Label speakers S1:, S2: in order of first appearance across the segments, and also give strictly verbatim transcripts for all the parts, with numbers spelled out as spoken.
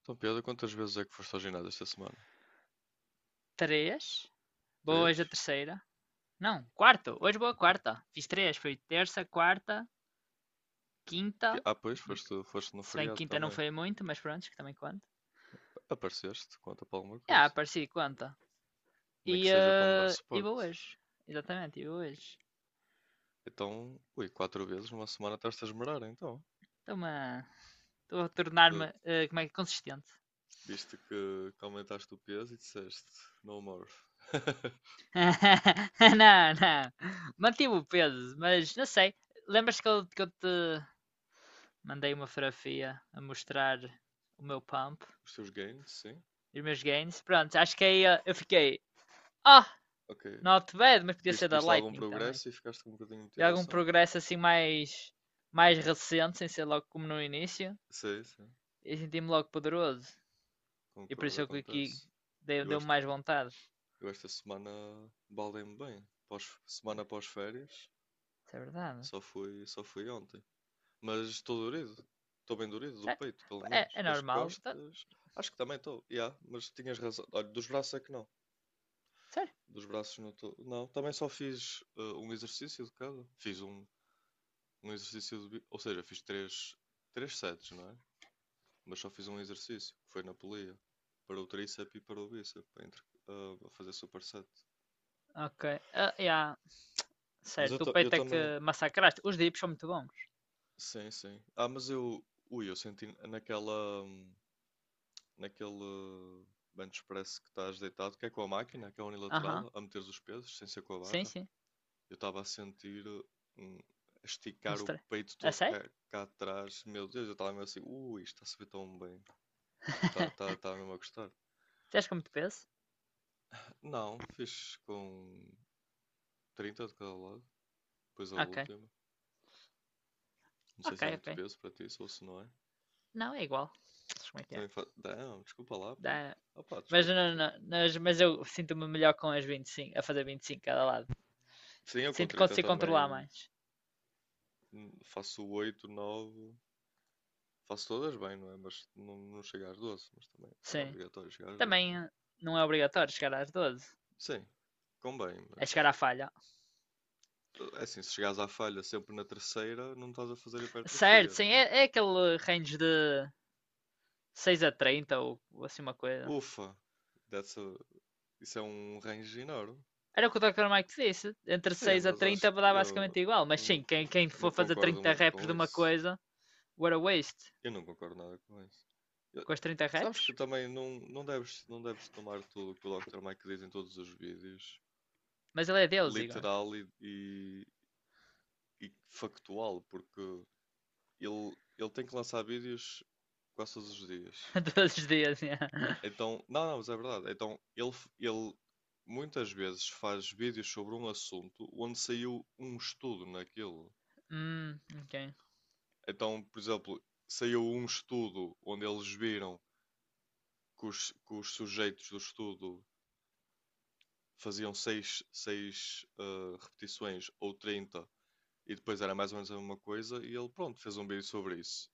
S1: Então, Pedro, quantas vezes é que foste ao ginásio esta semana?
S2: Três. Boa hoje é a
S1: Três?
S2: terceira. Não, quarto. Hoje boa quarta. Fiz três. Foi terça, quarta,
S1: Que-
S2: quinta.
S1: Ah, pois,
S2: Hum,
S1: foste, foste no
S2: Se bem que
S1: feriado
S2: quinta não
S1: também.
S2: foi muito, mas pronto, que também conta.
S1: Apareceste, conta para alguma
S2: Já, yeah,
S1: coisa.
S2: apareci, conta.
S1: Nem que
S2: E,
S1: seja para me dar
S2: eh, e
S1: suporte.
S2: boa hoje. Exatamente, e boa hoje.
S1: Então, ui, quatro vezes numa semana estás-te a esmerar, então.
S2: Estou-me a... Estou a
S1: Tu
S2: tornar-me, eh, como é que é, consistente.
S1: viste que, que aumentaste o peso e disseste, no more.
S2: Não, não. Mantive o peso, mas não sei. Lembras-te que eu, que eu te mandei uma fotografia a mostrar o meu pump?
S1: Os teus gains, sim.
S2: Os meus gains. Pronto, acho que aí eh, eu fiquei. Ah, oh,
S1: Ok.
S2: not bad, mas podia ser
S1: Viste,
S2: da
S1: viste algum
S2: Lightning também.
S1: progresso e ficaste com um bocadinho de
S2: E algum
S1: motivação?
S2: progresso assim mais, mais recente, sem ser logo como no início.
S1: Sim, sim.
S2: E senti-me logo poderoso. E por
S1: Concordo,
S2: isso é que aqui
S1: acontece.
S2: deu-
S1: Eu,
S2: deu-me
S1: esta-
S2: mais vontade.
S1: eu esta semana baldei-me bem. Pós, semana pós férias.
S2: Isso é verdade.
S1: Só fui, só fui ontem. Mas estou dorido. Estou bem dorido do
S2: Sério?
S1: peito, pelo
S2: É,
S1: menos.
S2: é
S1: Das
S2: normal. Tá-
S1: costas. Acho que também estou. Yeah, mas tinhas razão. Olha, dos braços é que não.
S2: Sério?
S1: Dos braços não estou. Não, também só fiz eh, um exercício de cada. Fiz um, um exercício de. bi- Ou seja, fiz três, três sets, não é? Mas só fiz um exercício, que foi na polia. Para o tríceps e para o bíceps. Para entre, ah, a fazer superset.
S2: Ok. Ah, yeah.
S1: Mas eu,
S2: Certo. O
S1: ta- eu
S2: peito é
S1: também.
S2: que massacraste. Os dips são muito bons.
S1: Sim, sim. Ah, mas eu. Ui, eu senti naquela. Hum, naquele bench press que estás deitado, que é com a máquina, que é
S2: Aham. Uhum.
S1: unilateral, a meteres os pesos, sem ser com a
S2: Sim,
S1: barra.
S2: sim.
S1: Eu estava a sentir hum, a
S2: Um
S1: esticar o
S2: stre...
S1: peito
S2: É
S1: todo
S2: sério?
S1: cá, cá atrás. Meu Deus, eu estava mesmo assim, ui, isto está a subir tão bem. Estava tá, tá, tá mesmo a gostar.
S2: Tens com muito peso?
S1: Não, fiz com trinta de cada lado, depois a
S2: Ok.
S1: última. Não sei
S2: Ok,
S1: se é muito
S2: ok.
S1: peso para ti, ou se não é.
S2: Não, é igual. Como é que é?
S1: Também fa... Não, desculpa lá, pronto.
S2: dá-
S1: Opa,
S2: Mas,
S1: desculpa,
S2: não,
S1: desculpa.
S2: não, mas, mas eu sinto-me melhor com as vinte e cinco a fazer vinte e cinco cada lado.
S1: Sim, eu com
S2: Sinto que
S1: trinta
S2: consigo controlar
S1: também,
S2: mais.
S1: hum, faço oito, nove. Faço todas bem, não é? Mas não, não chega às doze, mas também não é
S2: Sim.
S1: obrigatório chegar às doze, não
S2: Também
S1: é?
S2: eh, não é obrigatório chegar às doze.
S1: Sim, convém,
S2: É chegar
S1: mas
S2: à falha.
S1: eh, é assim, se chegares à falha sempre na terceira, não estás a fazer
S2: Certo,
S1: hipertrofia, não
S2: sim,
S1: é?
S2: é, é aquele range de seis a trinta ou, ou assim uma coisa.
S1: Ufa, that's a- isso é um range enorme.
S2: Era o que o doutor Mike disse. Entre
S1: Sim,
S2: seis a
S1: mas acho
S2: trinta
S1: que
S2: dá basicamente
S1: eu,
S2: igual. Mas
S1: eu
S2: sim,
S1: não,
S2: quem, quem
S1: não
S2: for fazer
S1: concordo
S2: trinta
S1: muito
S2: reps
S1: com
S2: de uma
S1: isso.
S2: coisa, what a waste.
S1: Eu não concordo nada com isso. Eu-
S2: Com as trinta
S1: Sabes
S2: reps?
S1: que também não, não deves, não deves tomar tudo o que o doutor Mike diz em todos os vídeos,
S2: Mas ele é Deus, Igor.
S1: literal e e factual, porque ele, ele tem que lançar vídeos quase todos os dias.
S2: Todos os dias, yeah.
S1: Então, não, não, mas é verdade. Então, ele, ele muitas vezes faz vídeos sobre um assunto onde saiu um estudo naquilo.
S2: Hum, ok.
S1: Então, por exemplo, saiu um estudo onde eles viram que os, que os sujeitos do estudo faziam seis seis, uh, repetições ou trinta e depois era mais ou menos a mesma coisa e ele, pronto, fez um vídeo sobre isso.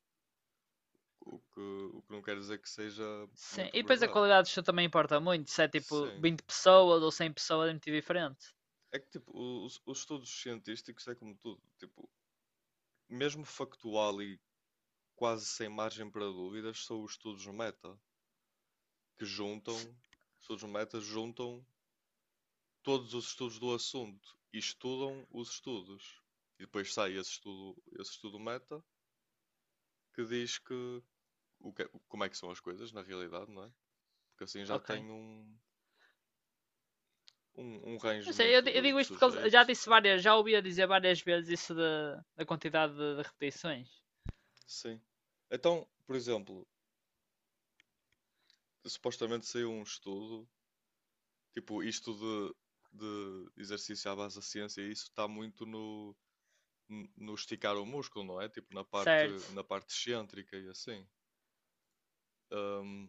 S1: O que, o que não quer dizer que seja
S2: Sim,
S1: muito
S2: e depois a
S1: verdade.
S2: qualidade do show também importa muito, se é tipo
S1: Sim.
S2: vinte pessoas ou cem pessoas é muito diferente.
S1: É que, tipo, os, os estudos científicos é como tudo. Tipo, mesmo factual e quase sem margem para dúvidas, são os estudos meta, que
S2: Se-
S1: juntam, estudos meta juntam todos os estudos do assunto e estudam os estudos. E depois sai esse estudo, esse estudo meta que diz que, o que é, como é que são as coisas na realidade, não é? Porque assim já
S2: Ok.
S1: tem um, um, um range
S2: Não sei, eu,
S1: muito
S2: di- eu
S1: de, de
S2: digo isto porque eles- já
S1: sujeitos.
S2: disse
S1: Assim.
S2: várias, já ouvi a dizer várias vezes isso da da quantidade de, de repetições.
S1: Sim. Então, por exemplo, supostamente saiu um estudo, tipo, isto de, de exercício à base da ciência, isso está muito no, n- no esticar o músculo, não é? Tipo, na parte,
S2: Certo.
S1: na parte excêntrica e assim. Ahm,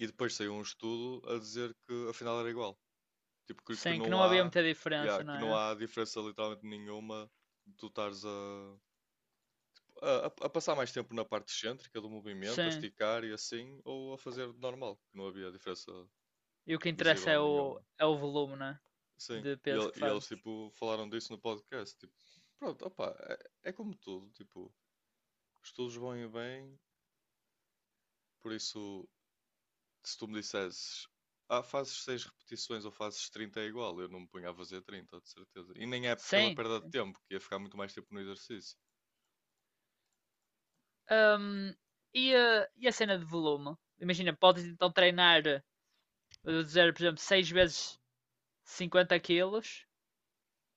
S1: e depois saiu um estudo a dizer que afinal era igual. Tipo, que, que
S2: Sim, que
S1: não
S2: não havia
S1: há,
S2: muita
S1: yeah,
S2: diferença, não
S1: que não
S2: é?
S1: há diferença literalmente nenhuma de tu estares a, a, a passar mais tempo na parte excêntrica do movimento, a
S2: Sim.
S1: esticar e assim, ou a fazer normal, que não havia diferença.
S2: E o que
S1: Busy
S2: interessa é
S1: bonding é
S2: o,
S1: uma.
S2: é o volume, não é?
S1: Sim,
S2: De
S1: e,
S2: peso
S1: ele-
S2: que
S1: e
S2: faz.
S1: eles tipo falaram disso no podcast. Tipo, pronto, opá, é, é como tudo, tipo, estudos vão e vêm, por isso, se tu me dissesses, ah, fazes seis repetições ou fazes trinta é igual, eu não me punha a fazer trinta de certeza. E nem é pela
S2: Sim.
S1: perda de tempo, que ia ficar muito mais tempo no exercício.
S2: Ahm, e, a, e a cena de volume? Imagina, podes então treinar, eh, vou dizer, por exemplo, seis vezes cinquenta quilos.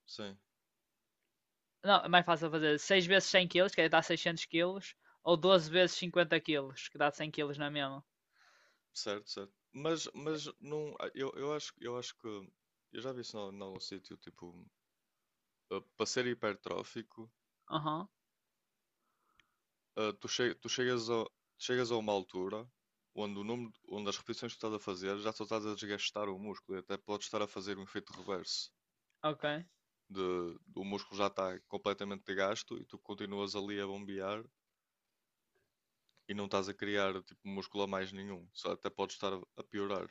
S1: Sim,
S2: Não, é mais fácil fazer seis vezes cem quilos, que dá seiscentos quilos, ou doze vezes cinquenta quilos, que dá cem quilos, não é mesmo?
S1: certo, certo. Mas, mas não, ah, eu, eu acho, eu acho que, eu já vi isso em algum sítio, tipo, ah, para ser hipertrófico,
S2: Aham,
S1: ah, tu, che- tu chegas a, chegas a uma altura onde, o número, onde as repetições que estás a fazer já só estás a desgastar o músculo e até podes estar a fazer um efeito reverso
S2: ok.
S1: de, o músculo já está completamente gasto e tu continuas ali a bombear e não estás a criar tipo músculo a mais nenhum, só até podes estar a piorar.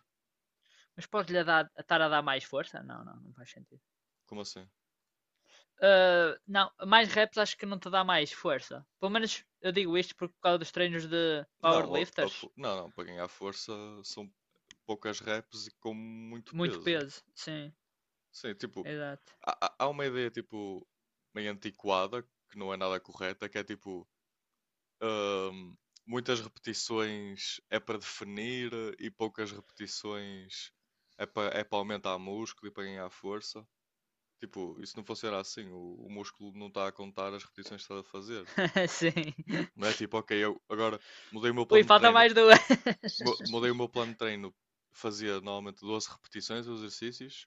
S2: Mas pode lhe dar, estar a dar mais força? Não, não, não faz sentido.
S1: Como assim?
S2: Ah, não, mais reps acho que não te dá mais força. Pelo menos eu digo isto por causa dos treinos de
S1: Não, a- a
S2: powerlifters.
S1: fo- não, não, para ganhar força são poucas reps e com muito
S2: Muito
S1: peso.
S2: peso, sim,
S1: Sim, tipo,
S2: exato.
S1: há, há há uma ideia tipo meio antiquada que não é nada correta, que é tipo. Ahm, Muitas repetições é para definir e poucas repetições é para, é para aumentar músculo e para ganhar força. Tipo, e se não funcionar assim, o, o músculo não está a contar as repetições que está a fazer.
S2: Sim.
S1: Não é tipo, ok, eu agora mudei o meu
S2: Ui,
S1: plano de
S2: falta
S1: treino.
S2: mais duas.
S1: mu- Mudei o meu plano de treino, fazia normalmente doze repetições os exercícios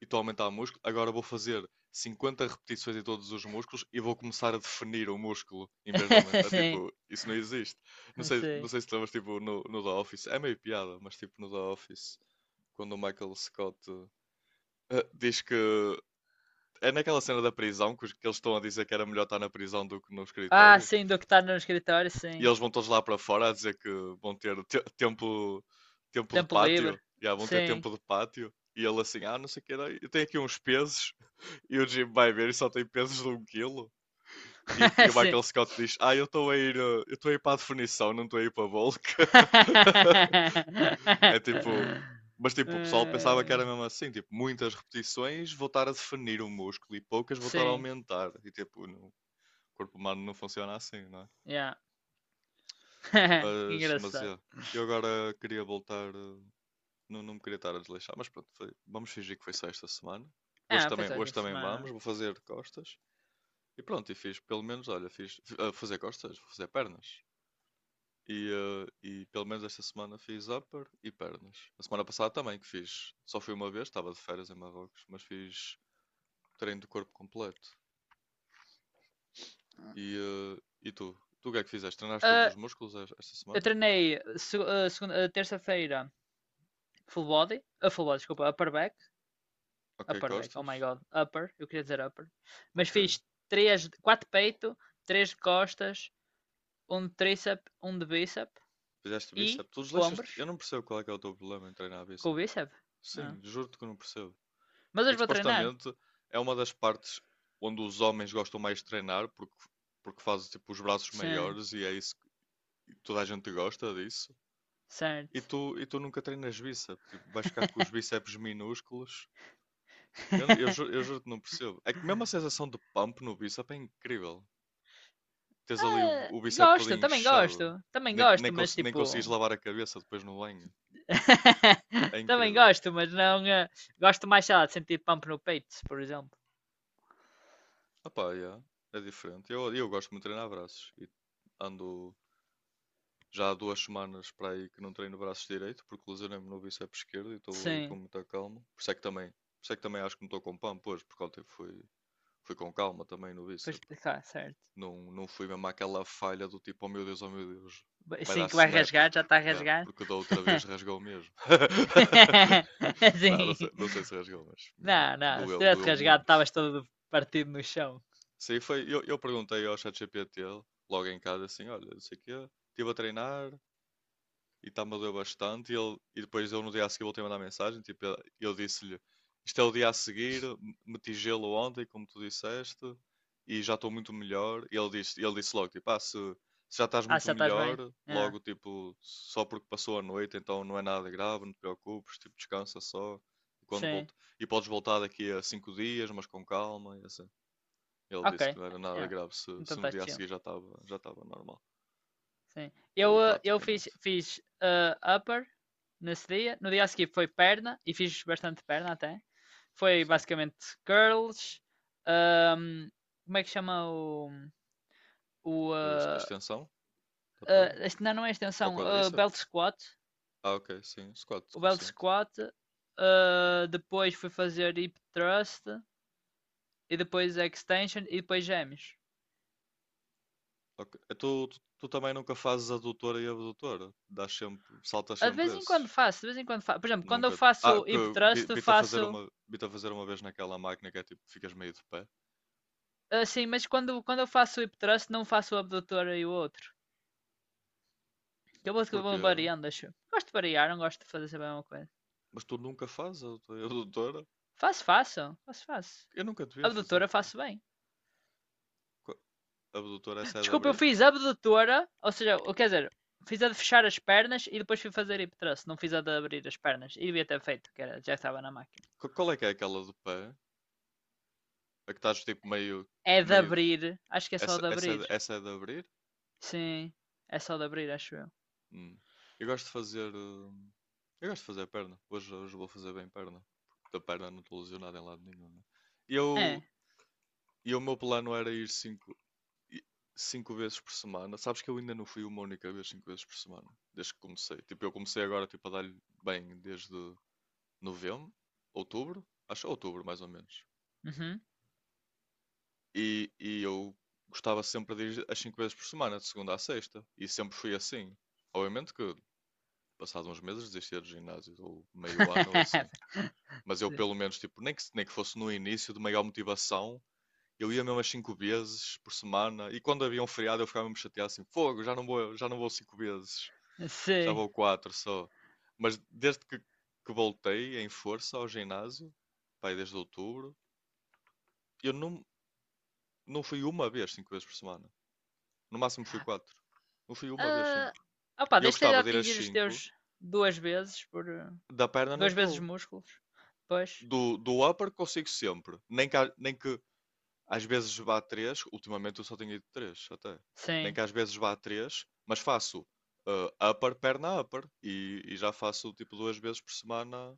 S1: e estou a aumentar o músculo, agora vou fazer cinquenta repetições em todos os músculos e vou começar a definir o músculo em vez de aumentar.
S2: Sim,
S1: Tipo, isso não existe. Não sei, não
S2: sim.
S1: sei se te lembras, tipo, no, no The Office, é meio piada, mas tipo, no The Office, quando o Michael Scott eh, diz que. É naquela cena da prisão que os- que eles estão a dizer que era melhor estar na prisão do que no
S2: Ah,
S1: escritório.
S2: sim, do que está no escritório,
S1: E
S2: sim.
S1: eles vão todos lá para fora a dizer que vão ter te- tempo, tempo de
S2: Tempo livre,
S1: pátio. Já vão ter
S2: sim.
S1: tempo de pátio. E ele assim, ah, não sei o que era. Eu tenho aqui uns pesos. E o Jim vai ver e só tem pesos de um quilo. E, e o
S2: Sim.
S1: Michael Scott diz: Ah, eu estou a ir, eh, eu estou a ir para a definição, não estou a ir para a bulk. É tipo. Mas tipo, o pessoal pensava que
S2: Eh,
S1: era mesmo assim, tipo, muitas repetições voltar a definir o músculo e poucas voltar a
S2: Sim,
S1: aumentar. E tipo, não- o corpo humano não funciona assim, não é?
S2: yeah. Que
S1: Mas, mas
S2: engraçado.
S1: é. Eu agora queria voltar, eh, não, não me queria estar a desleixar, mas pronto, foi- vamos fingir que foi só esta semana. Hoje
S2: Ah, foi
S1: também,
S2: só essa
S1: hoje também
S2: semana.
S1: vamos, vou fazer costas. E pronto, e fiz, pelo menos, olha, fiz a fazer costas, vou fazer pernas. E, ah, e pelo menos esta semana fiz upper e pernas. A semana passada também que fiz, só fui uma vez, estava de férias em Marrocos, mas fiz treino de corpo completo. E, ah, e tu? Tu o que é que fizeste? Treinaste todos
S2: Ah,
S1: os músculos es- esta
S2: eu
S1: semana?
S2: treinei se- ah, segunda, ah, terça-feira full body, a full body, desculpa, upper back,
S1: Ok,
S2: upper back, oh my
S1: costas?
S2: god, upper, eu queria dizer upper, mas
S1: Ok.
S2: fiz três, quatro peito, três de costas, um de tríceps, um de bíceps
S1: Fizeste
S2: e
S1: bíceps? Tu desleixas-te? Eu
S2: ombros
S1: não percebo qual é que é o teu problema em treinar
S2: com o
S1: bíceps.
S2: bíceps. Ah.
S1: Sim, juro-te que eu não percebo.
S2: Mas
S1: É que
S2: hoje vou treinar.
S1: supostamente é uma das partes onde os homens gostam mais de treinar porque, porque fazem tipo os braços
S2: Sim,
S1: maiores e é isso que toda a gente gosta disso. E
S2: certo.
S1: tu, e tu nunca treinas bíceps, tipo, vais ficar com os bíceps minúsculos. Eu, eu, ju- eu juro que não percebo. É que mesmo a sensação de pump no bíceps é incrível. Tens ali o,
S2: Ah,
S1: o bíceps todo
S2: gosto, também
S1: inchado.
S2: gosto. Também
S1: Nem, nem,
S2: gosto, mas
S1: cons- nem consegues
S2: tipo.
S1: lavar a cabeça depois no banho. É
S2: Também
S1: incrível.
S2: gosto, mas não. eh, gosto mais, sei lá, de sentir pump no peito, por exemplo.
S1: Opá, yeah, é diferente. Eu, eu gosto muito de treinar braços e ando. Já há duas semanas para aí que não treino o braço direito, porque lesionei-me no bíceps esquerdo e estou aí com
S2: Sim,
S1: muita calma. Por isso é que também, por isso é que também acho que não estou com pump hoje, porque ontem fui, fui com calma também no
S2: pois,
S1: bíceps.
S2: claro, certo.
S1: Não, não fui mesmo àquela falha do tipo: oh meu Deus, oh meu Deus,
S2: Ba-
S1: vai
S2: Sim,
S1: dar
S2: que vai
S1: snap.
S2: rasgar, já está a
S1: Yeah,
S2: rasgar.
S1: porque da outra vez rasgou mesmo. Não, não
S2: Sim.
S1: sei, não sei se rasgou, mas minha no-
S2: Não, não, se
S1: doeu,
S2: tivesse
S1: doeu
S2: rasgado,
S1: muito.
S2: estavas todo partido no chão.
S1: Sim, foi. Eu, eu perguntei ao ChatGPT logo em casa assim: olha, não sei o quê, estive a treinar, e está-me a doer bastante. E, ele, e depois eu no dia a seguir voltei a mandar mensagem, tipo, eu- eu disse-lhe, isto é o dia a seguir, m- meti gelo ontem, como tu disseste, e já estou muito melhor. E ele disse, ele disse logo, tipo, ah, se, se já estás
S2: Ah,
S1: muito
S2: já estás bem?
S1: melhor,
S2: Ah,
S1: logo, tipo, só porque passou a noite, então não é nada grave, não te preocupes, tipo, descansa só. E, quando
S2: sim.
S1: volta, e podes voltar daqui a cinco dias, mas com calma, e assim. Ele
S2: Ok.
S1: disse que não era nada
S2: Ah,
S1: grave se,
S2: então
S1: se no
S2: estás
S1: dia a
S2: chill.
S1: seguir já estava já estava normal,
S2: Sim.
S1: ou
S2: Eu, eh, eu fiz,
S1: praticamente.
S2: fiz eh, upper nesse dia. No dia a seguir foi perna e fiz bastante perna até. Foi
S1: Sim.
S2: basicamente curls. ahm, como é que chama o. o
S1: Ex-
S2: eh,
S1: Extensão? Da
S2: eh,
S1: perna?
S2: este- não, não é
S1: Para o
S2: extensão. eh,
S1: quadríceps?
S2: belt squat.
S1: Ah, ok, sim. Squat
S2: O
S1: com
S2: belt
S1: cinto.
S2: squat. eh, depois fui fazer hip thrust. E depois extension. E depois gêmeos.
S1: Ok. E Tu, tu, tu também nunca fazes adutora e abdutora? Dás sempre, saltas
S2: Ah, de vez
S1: sempre
S2: em quando
S1: esses?
S2: faço, de vez em quando faço. Por exemplo, quando eu
S1: Nunca. Ah,
S2: faço
S1: que
S2: hip
S1: vi-
S2: thrust,
S1: vi-te a fazer
S2: faço.
S1: uma, vi-te a fazer uma vez naquela máquina que é tipo, ficas meio de pé.
S2: Ah, sim, mas quando, quando eu faço o hip thrust, não faço o abdutor e o outro. Eu vou, eu vou
S1: Porquê?
S2: variando, acho. Gosto de variar, não gosto de fazer sempre a mesma coisa.
S1: Mas tu nunca fazes a adutora e abdutora?
S2: Faço, faço. Faço, faço.
S1: Eu nunca devia vi a fazer.
S2: Abdutora
S1: Pedro.
S2: faço bem.
S1: Qu- Abdutora, essa é de
S2: Desculpa, eu
S1: abrir?
S2: fiz abdutora, ou seja, o- quer dizer, fiz a de fechar as pernas e depois fui fazer hip thrust. Não fiz a de abrir as pernas. E devia ter feito, que era, já estava na máquina.
S1: Qu- Qual é que é aquela do pé? A que estás tipo meio,
S2: É de
S1: meio.
S2: abrir. Acho que é só
S1: Essa,
S2: de
S1: essa, é
S2: abrir.
S1: de- essa é de abrir?
S2: Sim. É só de abrir, acho eu.
S1: Hum. Eu gosto de fazer. hum, Eu gosto de fazer perna. Hoje, hoje vou fazer bem perna. Porque da perna não estou lesionado em lado nenhum, né? E eu,
S2: É.
S1: e o meu plano era ir 5 cinco vezes por semana. Sabes que eu ainda não fui uma única vez cinco vezes por semana. Desde que comecei. Tipo, eu comecei agora tipo, a dar-lhe bem desde novembro, outubro. Acho outubro mais ou menos.
S2: Uhum.
S1: E, e eu gostava sempre de ir as cinco vezes por semana, de segunda à sexta. E sempre fui assim. Obviamente que passado uns meses desistia do ginásio, ou meio ano ou assim. Mas eu
S2: Sim.
S1: pelo menos, tipo, nem que, nem que fosse no início de maior motivação, eu ia mesmo as cinco vezes por semana, e quando havia um feriado eu ficava mesmo chateado assim, fogo, já não vou, já não vou cinco vezes, já
S2: Sim.
S1: vou quatro só. Mas desde que, que voltei em força ao ginásio, pai, desde outubro, eu não, não fui uma vez cinco vezes por semana. No máximo fui quatro. Não fui uma vez
S2: Ah,
S1: cinco.
S2: opa,
S1: E eu
S2: desde que esteja
S1: gostava de ir às
S2: atingir os
S1: cinco.
S2: teus duas vezes por eh,
S1: Da perna não
S2: duas vezes
S1: estou.
S2: músculos. Pois,
S1: Do, do upper consigo sempre. Nem que, nem que às vezes vá a três, ultimamente eu só tenho ido três até. Nem
S2: sim,
S1: que às vezes vá a três, mas faço ah, upper, perna, upper. E, e já faço tipo duas vezes por semana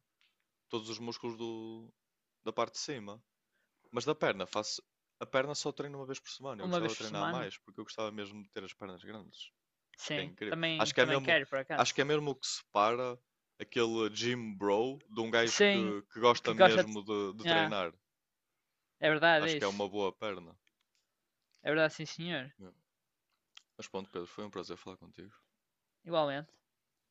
S1: todos os músculos do, da parte de cima. Mas da perna, faço. A perna só treino uma vez por semana. Eu
S2: uma
S1: gostava
S2: vez
S1: de
S2: por
S1: treinar
S2: semana.
S1: mais, porque eu gostava mesmo de ter as pernas grandes. Acho que é
S2: Sim,
S1: incrível.
S2: também
S1: Acho que é
S2: também
S1: mesmo,
S2: quero por
S1: acho que
S2: acaso.
S1: é mesmo o que separa aquele gym bro de um gajo
S2: Sim,
S1: que, que gosta
S2: que gosta de...
S1: mesmo de, de
S2: Ah,
S1: treinar.
S2: é verdade
S1: Acho
S2: é
S1: que é
S2: isso.
S1: uma boa perna.
S2: É verdade, sim, senhor.
S1: Yeah. Mas pronto, Pedro, foi um prazer falar contigo.
S2: Igualmente.